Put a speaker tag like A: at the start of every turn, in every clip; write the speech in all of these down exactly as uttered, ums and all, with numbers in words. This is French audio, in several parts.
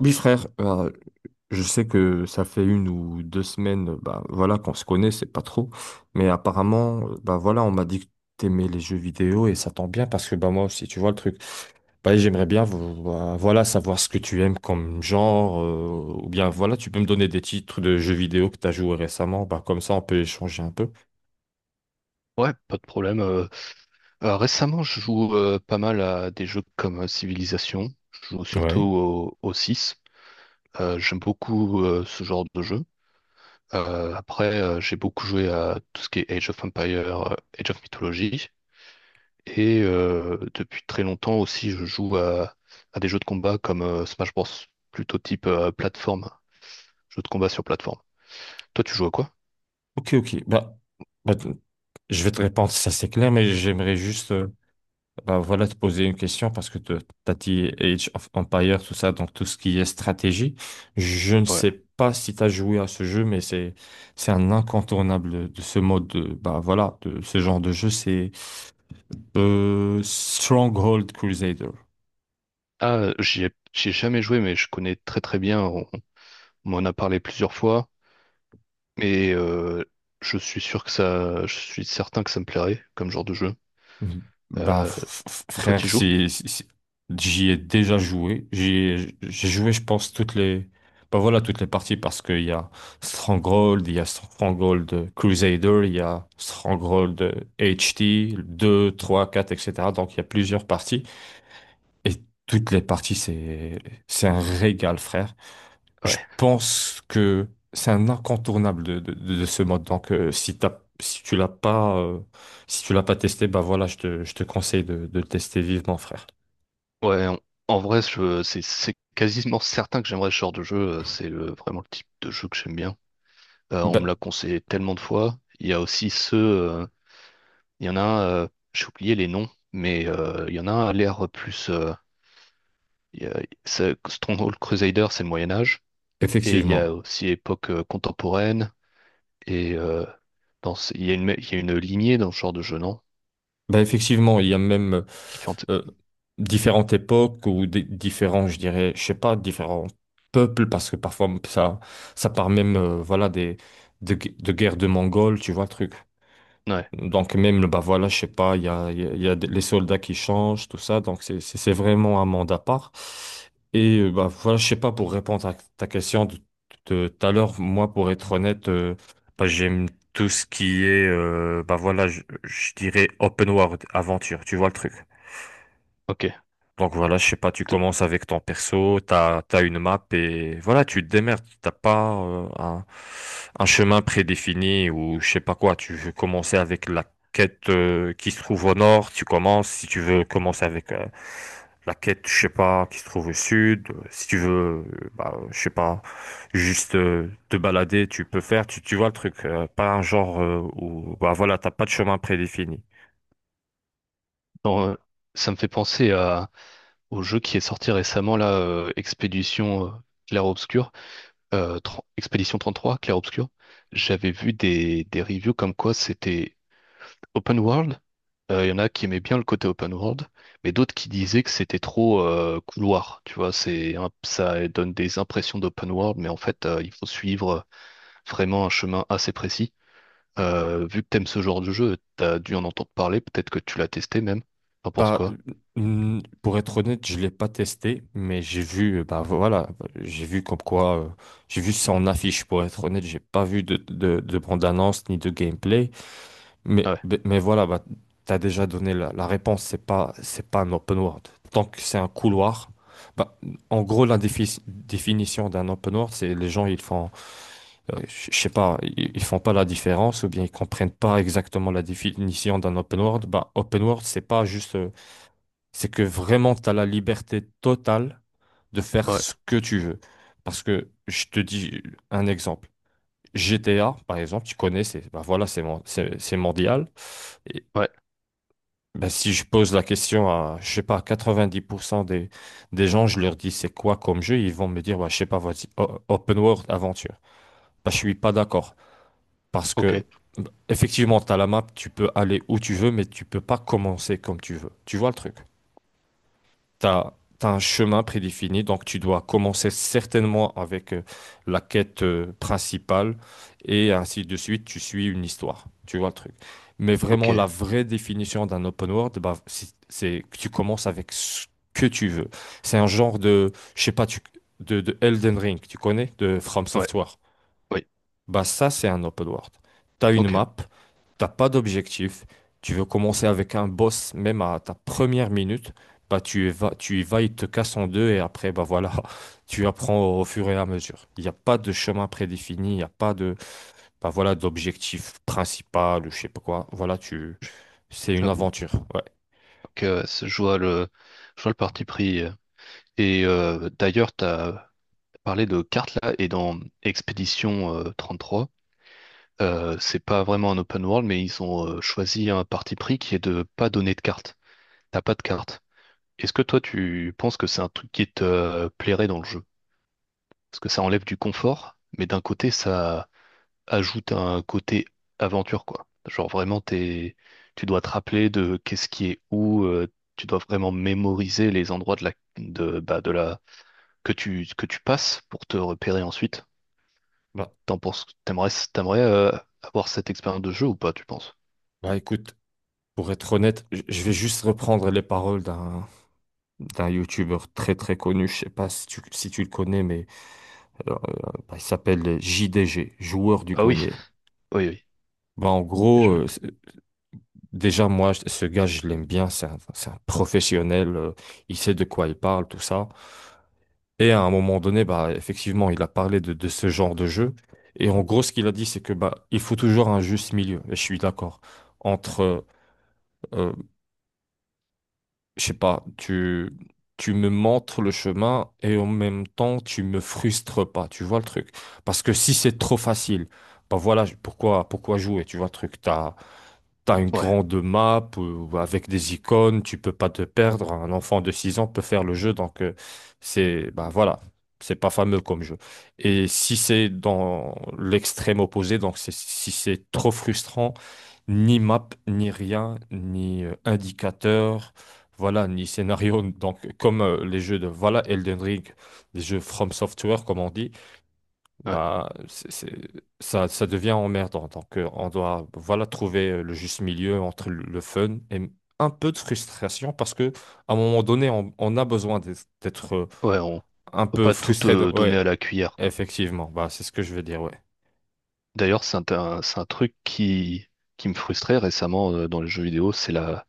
A: Oui, frère, euh, je sais que ça fait une ou deux semaines, euh, bah, voilà, qu'on se connaît, c'est pas trop. Mais apparemment, euh, bah, voilà, on m'a dit que t'aimais les jeux vidéo et ça tombe bien parce que bah, moi aussi, tu vois le truc. Bah, j'aimerais bien vo- vo- voilà, savoir ce que tu aimes comme genre, euh, ou bien voilà, tu peux me donner des titres de jeux vidéo que tu as joué récemment, bah, comme ça on peut échanger un peu.
B: Ouais, pas de problème. Euh, euh, récemment, je joue euh, pas mal à des jeux comme euh, Civilization. Je joue surtout
A: Ouais.
B: au, au six. Euh, j'aime beaucoup euh, ce genre de jeu. Euh, après, euh, j'ai beaucoup joué à tout ce qui est Age of Empire, euh, Age of Mythology. Et euh, depuis très longtemps aussi, je joue à, à des jeux de combat comme euh, Smash Bros. Plutôt type euh, plateforme, jeu de combat sur plateforme. Toi, tu joues à quoi?
A: Ok, ok. Bah, bah, t- je vais te répondre, si ça c'est clair, mais j'aimerais juste, euh, bah voilà, te poser une question parce que tu as dit Age of Empire, tout ça, donc tout ce qui est stratégie. Je ne
B: Ouais.
A: sais pas si tu as joué à ce jeu, mais c'est c'est un incontournable de ce mode de, bah voilà, de ce genre de jeu, c'est euh, Stronghold Crusader.
B: Ah, j'y ai, j'y ai jamais joué, mais je connais très très bien. On, on m'en a parlé plusieurs fois. Et euh, je suis sûr que ça, je suis certain que ça me plairait comme genre de jeu.
A: Bah,
B: Euh,
A: f- f-
B: Toi, t'y
A: frère,
B: joues?
A: c'est, c'est- c'est- j'y ai déjà joué. J'y ai- J'ai joué, je pense, toutes les, bah voilà, toutes les parties parce qu'il y a Stronghold, il y a Stronghold Crusader, il y a Stronghold H T, deux, trois, quatre, et cetera. Donc, il y a plusieurs parties. Et toutes les parties, c'est, c'est un régal, frère. Je
B: Ouais.
A: pense que c'est un incontournable de, de, de ce mode. Donc, euh, si t'as, si tu l'as pas, euh, si tu l'as pas testé, bah voilà, je te, je te conseille de, de le tester vivement, frère.
B: Ouais, en, en vrai, je- c'est c'est quasiment certain que j'aimerais ce genre de jeu. euh, C'est le- vraiment le type de jeu que j'aime bien. Euh, on me
A: Bah,
B: l'a conseillé tellement de fois. Il y a aussi ceux, euh, il y en a un, euh, j'ai oublié les noms, mais euh, il y en a un à l'air plus. Euh, il y a- c'est- Stronghold Crusader, c'est le Moyen Âge, et il y a
A: effectivement.
B: aussi époque euh, contemporaine, et euh, dans ce- il y a une, il y a une lignée dans ce genre de jeu, non?
A: Bah, effectivement, il y a même euh,
B: Différentes
A: euh,
B: époques.
A: différentes époques ou des, différents, je dirais, je sais pas, différents peuples, parce que parfois ça, ça part même, euh, voilà, des, de, gu- de guerres de Mongols, tu vois, le truc.
B: Ouais,
A: Donc même, bah voilà, je sais pas, il y a, il y a il y a des- les soldats qui changent, tout ça. Donc c'est c'est- c'est vraiment un monde à part. Et euh, bah voilà, je sais pas, pour répondre à ta question de de tout à l'heure, moi, pour être honnête, euh, bah, j'aime tout ce qui est, euh, bah voilà, je, je dirais open world, aventure, tu vois le truc.
B: ok.
A: Donc voilà, je sais pas, tu
B: T-
A: commences avec ton perso, t'as, t'as une map et voilà, tu te démerdes. T'as pas euh, un, un chemin prédéfini ou je sais pas quoi. Tu veux commencer avec la quête euh, qui se trouve au nord, tu commences. Si tu veux commencer avec euh, la quête, je sais pas, qui se trouve au sud. euh, Si tu veux, euh, bah, je sais pas, juste euh, te balader, tu peux faire. Tu, tu vois le truc, euh, pas un genre euh, où bah voilà, t'as pas de chemin prédéfini.
B: dans, euh, Ça me fait penser à, au jeu qui est sorti récemment, là, euh, Expédition euh, Clair-Obscur. euh, tr- Expédition trente-trois, Clair Obscur, j'avais vu des, des reviews comme quoi c'était open world. Euh, Il y en a qui aimaient bien le côté open world, mais d'autres qui disaient que c'était trop euh, couloir. Tu vois, c'est un- ça donne des impressions d'open world, mais en fait, euh, il faut suivre vraiment un chemin assez précis. Euh, vu que t'aimes ce genre de jeu, t'as dû en entendre parler, peut-être que tu l'as testé même. T'en penses
A: Bah,
B: quoi?
A: euh, pour être honnête, je l'ai pas testé, mais j'ai vu, euh, bah voilà, j'ai vu comme quoi, euh, j'ai vu ça en affiche. Pour être honnête, j'ai pas vu de, de, de bande-annonce ni de gameplay, mais,
B: Ouais,
A: mais mais voilà, bah, t'as déjà donné la, la réponse. C'est pas, c'est pas un open world. Tant que c'est un couloir, bah, en gros, la défi- définition d'un open world, c'est les gens, ils font, euh, je je sais pas, ils ils font pas la différence ou bien ils comprennent pas exactement la définition d'un open world. Bah, open world, c'est pas juste euh, c'est que vraiment, tu as la liberté totale de faire
B: ouais,
A: ce que tu veux. Parce que je te dis un exemple. G T A, par exemple, tu connais, c'est bah voilà, c'est mon- c'est- c'est mondial. Et
B: ouais,
A: bah, si je pose la question à, je sais pas, quatre-vingt-dix pour cent des, des gens, je leur dis c'est quoi comme jeu, ils vont me dire, bah, je sais pas, vas-y, o- open world, aventure. Bah, je suis pas d'accord. Parce
B: ok,
A: que, bah, effectivement, tu as la map, tu peux aller où tu veux, mais tu peux pas commencer comme tu veux. Tu vois le truc? T'as, t'as un chemin prédéfini, donc tu dois commencer certainement avec euh, la quête euh, principale et ainsi de suite, tu suis une histoire. Tu vois le truc. Mais
B: ok,
A: vraiment, la vraie définition d'un open world, bah, c'est c'est que tu commences avec ce que tu veux. C'est un genre de, je sais pas, tu, de, de Elden Ring, tu connais, de From
B: ouais,
A: Software.
B: oui,
A: Bah ça, c'est un open world. T'as une
B: ok,
A: map, t'as pas d'objectif, tu veux commencer avec un boss même à ta première minute, bah tu y vas, tu y vas, il te casse en deux et après, bah voilà, tu apprends au fur et à mesure. Il n'y a pas de chemin prédéfini, il n'y a pas de, bah voilà, d'objectif principal ou je sais pas quoi. Voilà, tu, c'est une
B: j'avoue.
A: aventure. Ouais.
B: Donc, euh, c'est- je vois le, je vois le parti pris. euh, Et euh, d'ailleurs, tu as parlé de cartes là, et dans Expédition euh, trois euh, c'est pas vraiment un open world, mais ils ont euh, choisi un parti pris qui est de pas donner de cartes. T'as pas de cartes. Est-ce que toi, tu penses que c'est un truc qui te euh, plairait dans le jeu? Parce que ça enlève du confort, mais d'un côté, ça ajoute un côté aventure, quoi. Genre vraiment, t'es... tu dois te rappeler de qu'est-ce qui est où, euh, tu dois vraiment mémoriser les endroits de la, de, bah, de la que tu, que tu passes pour te repérer ensuite?
A: Bah,
B: T'en penses, t'aimerais, t'aimerais euh, avoir cette expérience de jeu ou pas, tu penses?
A: bah écoute, pour être honnête, j- je vais juste reprendre les paroles d'un d'un YouTuber très très connu, je sais pas si tu, si tu le connais, mais Euh, bah, il s'appelle J D G, joueur du
B: Ah oui,
A: grenier.
B: oui, oui.
A: Bah, en gros,
B: Je-
A: euh, c'est- déjà, moi, je- ce gars, je l'aime bien. C'est un, c'est un professionnel. euh, il sait de quoi il parle, tout ça. Et à un moment donné, bah, effectivement, il a parlé de, de ce genre de jeu. Et en gros, ce qu'il a dit, c'est que bah, il faut toujours un juste milieu. Et je suis d'accord. Entre euh, je sais pas, tu, tu me montres le chemin et en même temps, tu me frustres pas, tu vois le truc. Parce que si c'est trop facile, bah voilà, je- pourquoi, pourquoi jouer, tu vois le truc. T'as, T'as une
B: Ouais,
A: grande map euh, avec des icônes, tu peux pas te perdre. Un enfant de six ans peut faire le jeu, donc euh, c'est bah voilà, c'est pas fameux comme jeu. Et si c'est dans l'extrême opposé, donc c'est- si c'est trop frustrant, ni map, ni rien, ni euh, indicateur, voilà, ni scénario. Donc comme euh, les jeux de voilà Elden Ring, les jeux From Software comme on dit,
B: ouais,
A: bah, c'est, c'est- ça, ça devient emmerdant. Donc, euh, on doit voilà, trouver euh, le juste milieu entre le le fun et m- un peu de frustration parce que à un moment donné, on, on a besoin d'être d'être, euh,
B: ouais, on
A: un
B: peut
A: peu
B: pas tout
A: frustré. De...
B: euh, donner à
A: Ouais,
B: la cuillère, quoi.
A: effectivement. Bah, c'est ce que je veux dire. Ouais,
B: D'ailleurs, c'est un, un- c'est un truc qui, qui me frustrait récemment euh, dans les jeux vidéo, c'est la,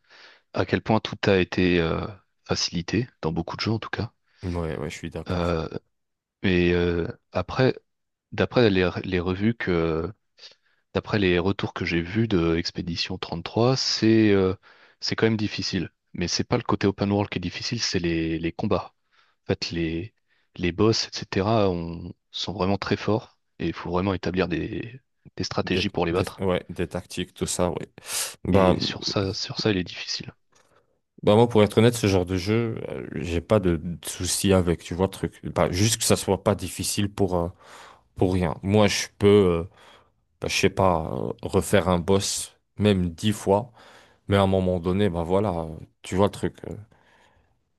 B: à quel point tout a été euh, facilité, dans beaucoup de jeux en tout cas.
A: ouais, ouais, je suis d'accord.
B: Euh, mais euh, après, d'après les, les revues que, d'après les retours que j'ai vus de Expédition trente-trois, c'est euh, c'est quand même difficile. Mais c'est pas le côté open world qui est difficile, c'est les, les combats. En fait, les, les boss, et cetera, on, sont vraiment très forts et il faut vraiment établir des, des
A: Des,
B: stratégies pour les
A: des-
B: battre.
A: ouais, des tactiques, tout ça. Ouais. Bah,
B: Et sur ça, sur ça, il est difficile.
A: bah, moi, pour être honnête, ce genre de jeu, euh, j'ai pas de, de soucis avec, tu vois, le truc. Bah, juste que ça soit pas difficile pour, euh, pour rien. Moi, je peux, euh, bah, je sais pas, euh, refaire un boss, même dix fois, mais à un moment donné, bah voilà, euh, tu vois le truc. euh,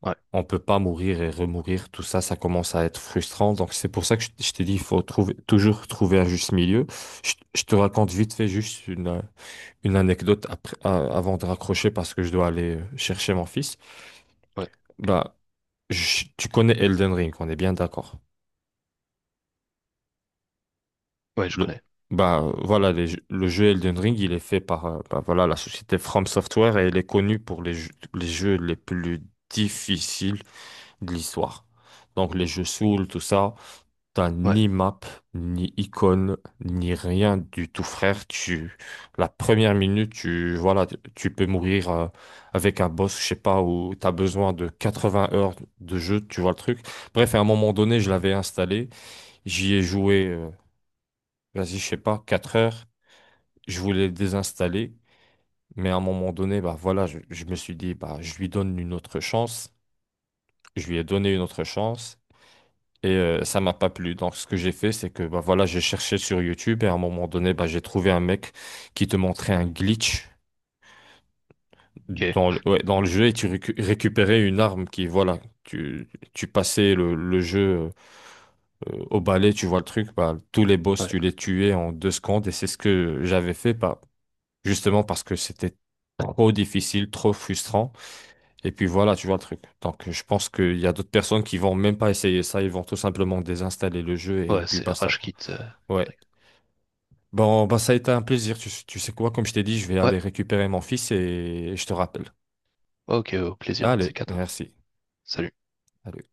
B: Ouais,
A: On peut pas mourir et remourir, tout ça, ça commence à être frustrant. Donc c'est pour ça que je, je t'ai dit, il faut trouver, toujours trouver un juste milieu. Je, je te raconte vite fait juste une, euh, une anecdote après, euh, avant de raccrocher parce que je dois aller euh, chercher mon fils.
B: ouais, ok.
A: Bah, je- tu connais Elden Ring, on est bien d'accord.
B: Ouais, je
A: Le,
B: connais.
A: bah, euh, voilà, les jeux- le jeu Elden Ring, il est fait par euh, bah, voilà, la société From Software et elle est connue pour les jeux, les jeux les plus difficiles de l'histoire. Donc les jeux Souls, tout ça, t'as
B: Ouais,
A: ni map, ni icône, ni rien du tout, frère. Tu, la première minute, tu, voilà, tu tu peux mourir euh, avec un boss, je sais pas, où t'as besoin de quatre-vingts heures de jeu, tu vois le truc. Bref, à un moment donné, je l'avais installé, j'y ai joué, euh, vas-y, je sais pas, quatre heures je voulais le désinstaller, mais à un moment donné, bah voilà, je, je me suis dit, bah je lui donne une autre chance. Je lui ai donné une autre chance et euh, ça m'a pas plu. Donc ce que j'ai fait, c'est que bah voilà, j'ai cherché sur YouTube et à un moment donné, bah j'ai trouvé un mec qui te montrait un glitch dans
B: ok.
A: le, ouais, dans le jeu et tu récu- récupérais une arme qui, voilà, tu, tu passais le, le jeu euh, au balai, tu vois le truc, bah tous les boss,
B: Ouais,
A: tu les tuais en deux secondes et c'est ce que j'avais fait. Bah, justement parce que c'était trop difficile, trop frustrant. Et puis voilà, tu vois le truc. Donc je pense qu'il y a d'autres personnes qui vont même pas essayer ça, ils vont tout simplement désinstaller le jeu et
B: ouais,
A: puis
B: c'est
A: basta, quoi.
B: Rashkit. Euh,
A: Ouais.
B: direct.
A: Bon, bah ça a été un plaisir. Tu, tu sais quoi, comme je t'ai dit, je vais
B: Ouais,
A: aller récupérer mon fils et je te rappelle.
B: ok, au plaisir, de ces
A: Allez,
B: quatre.
A: merci.
B: Salut.
A: Allez.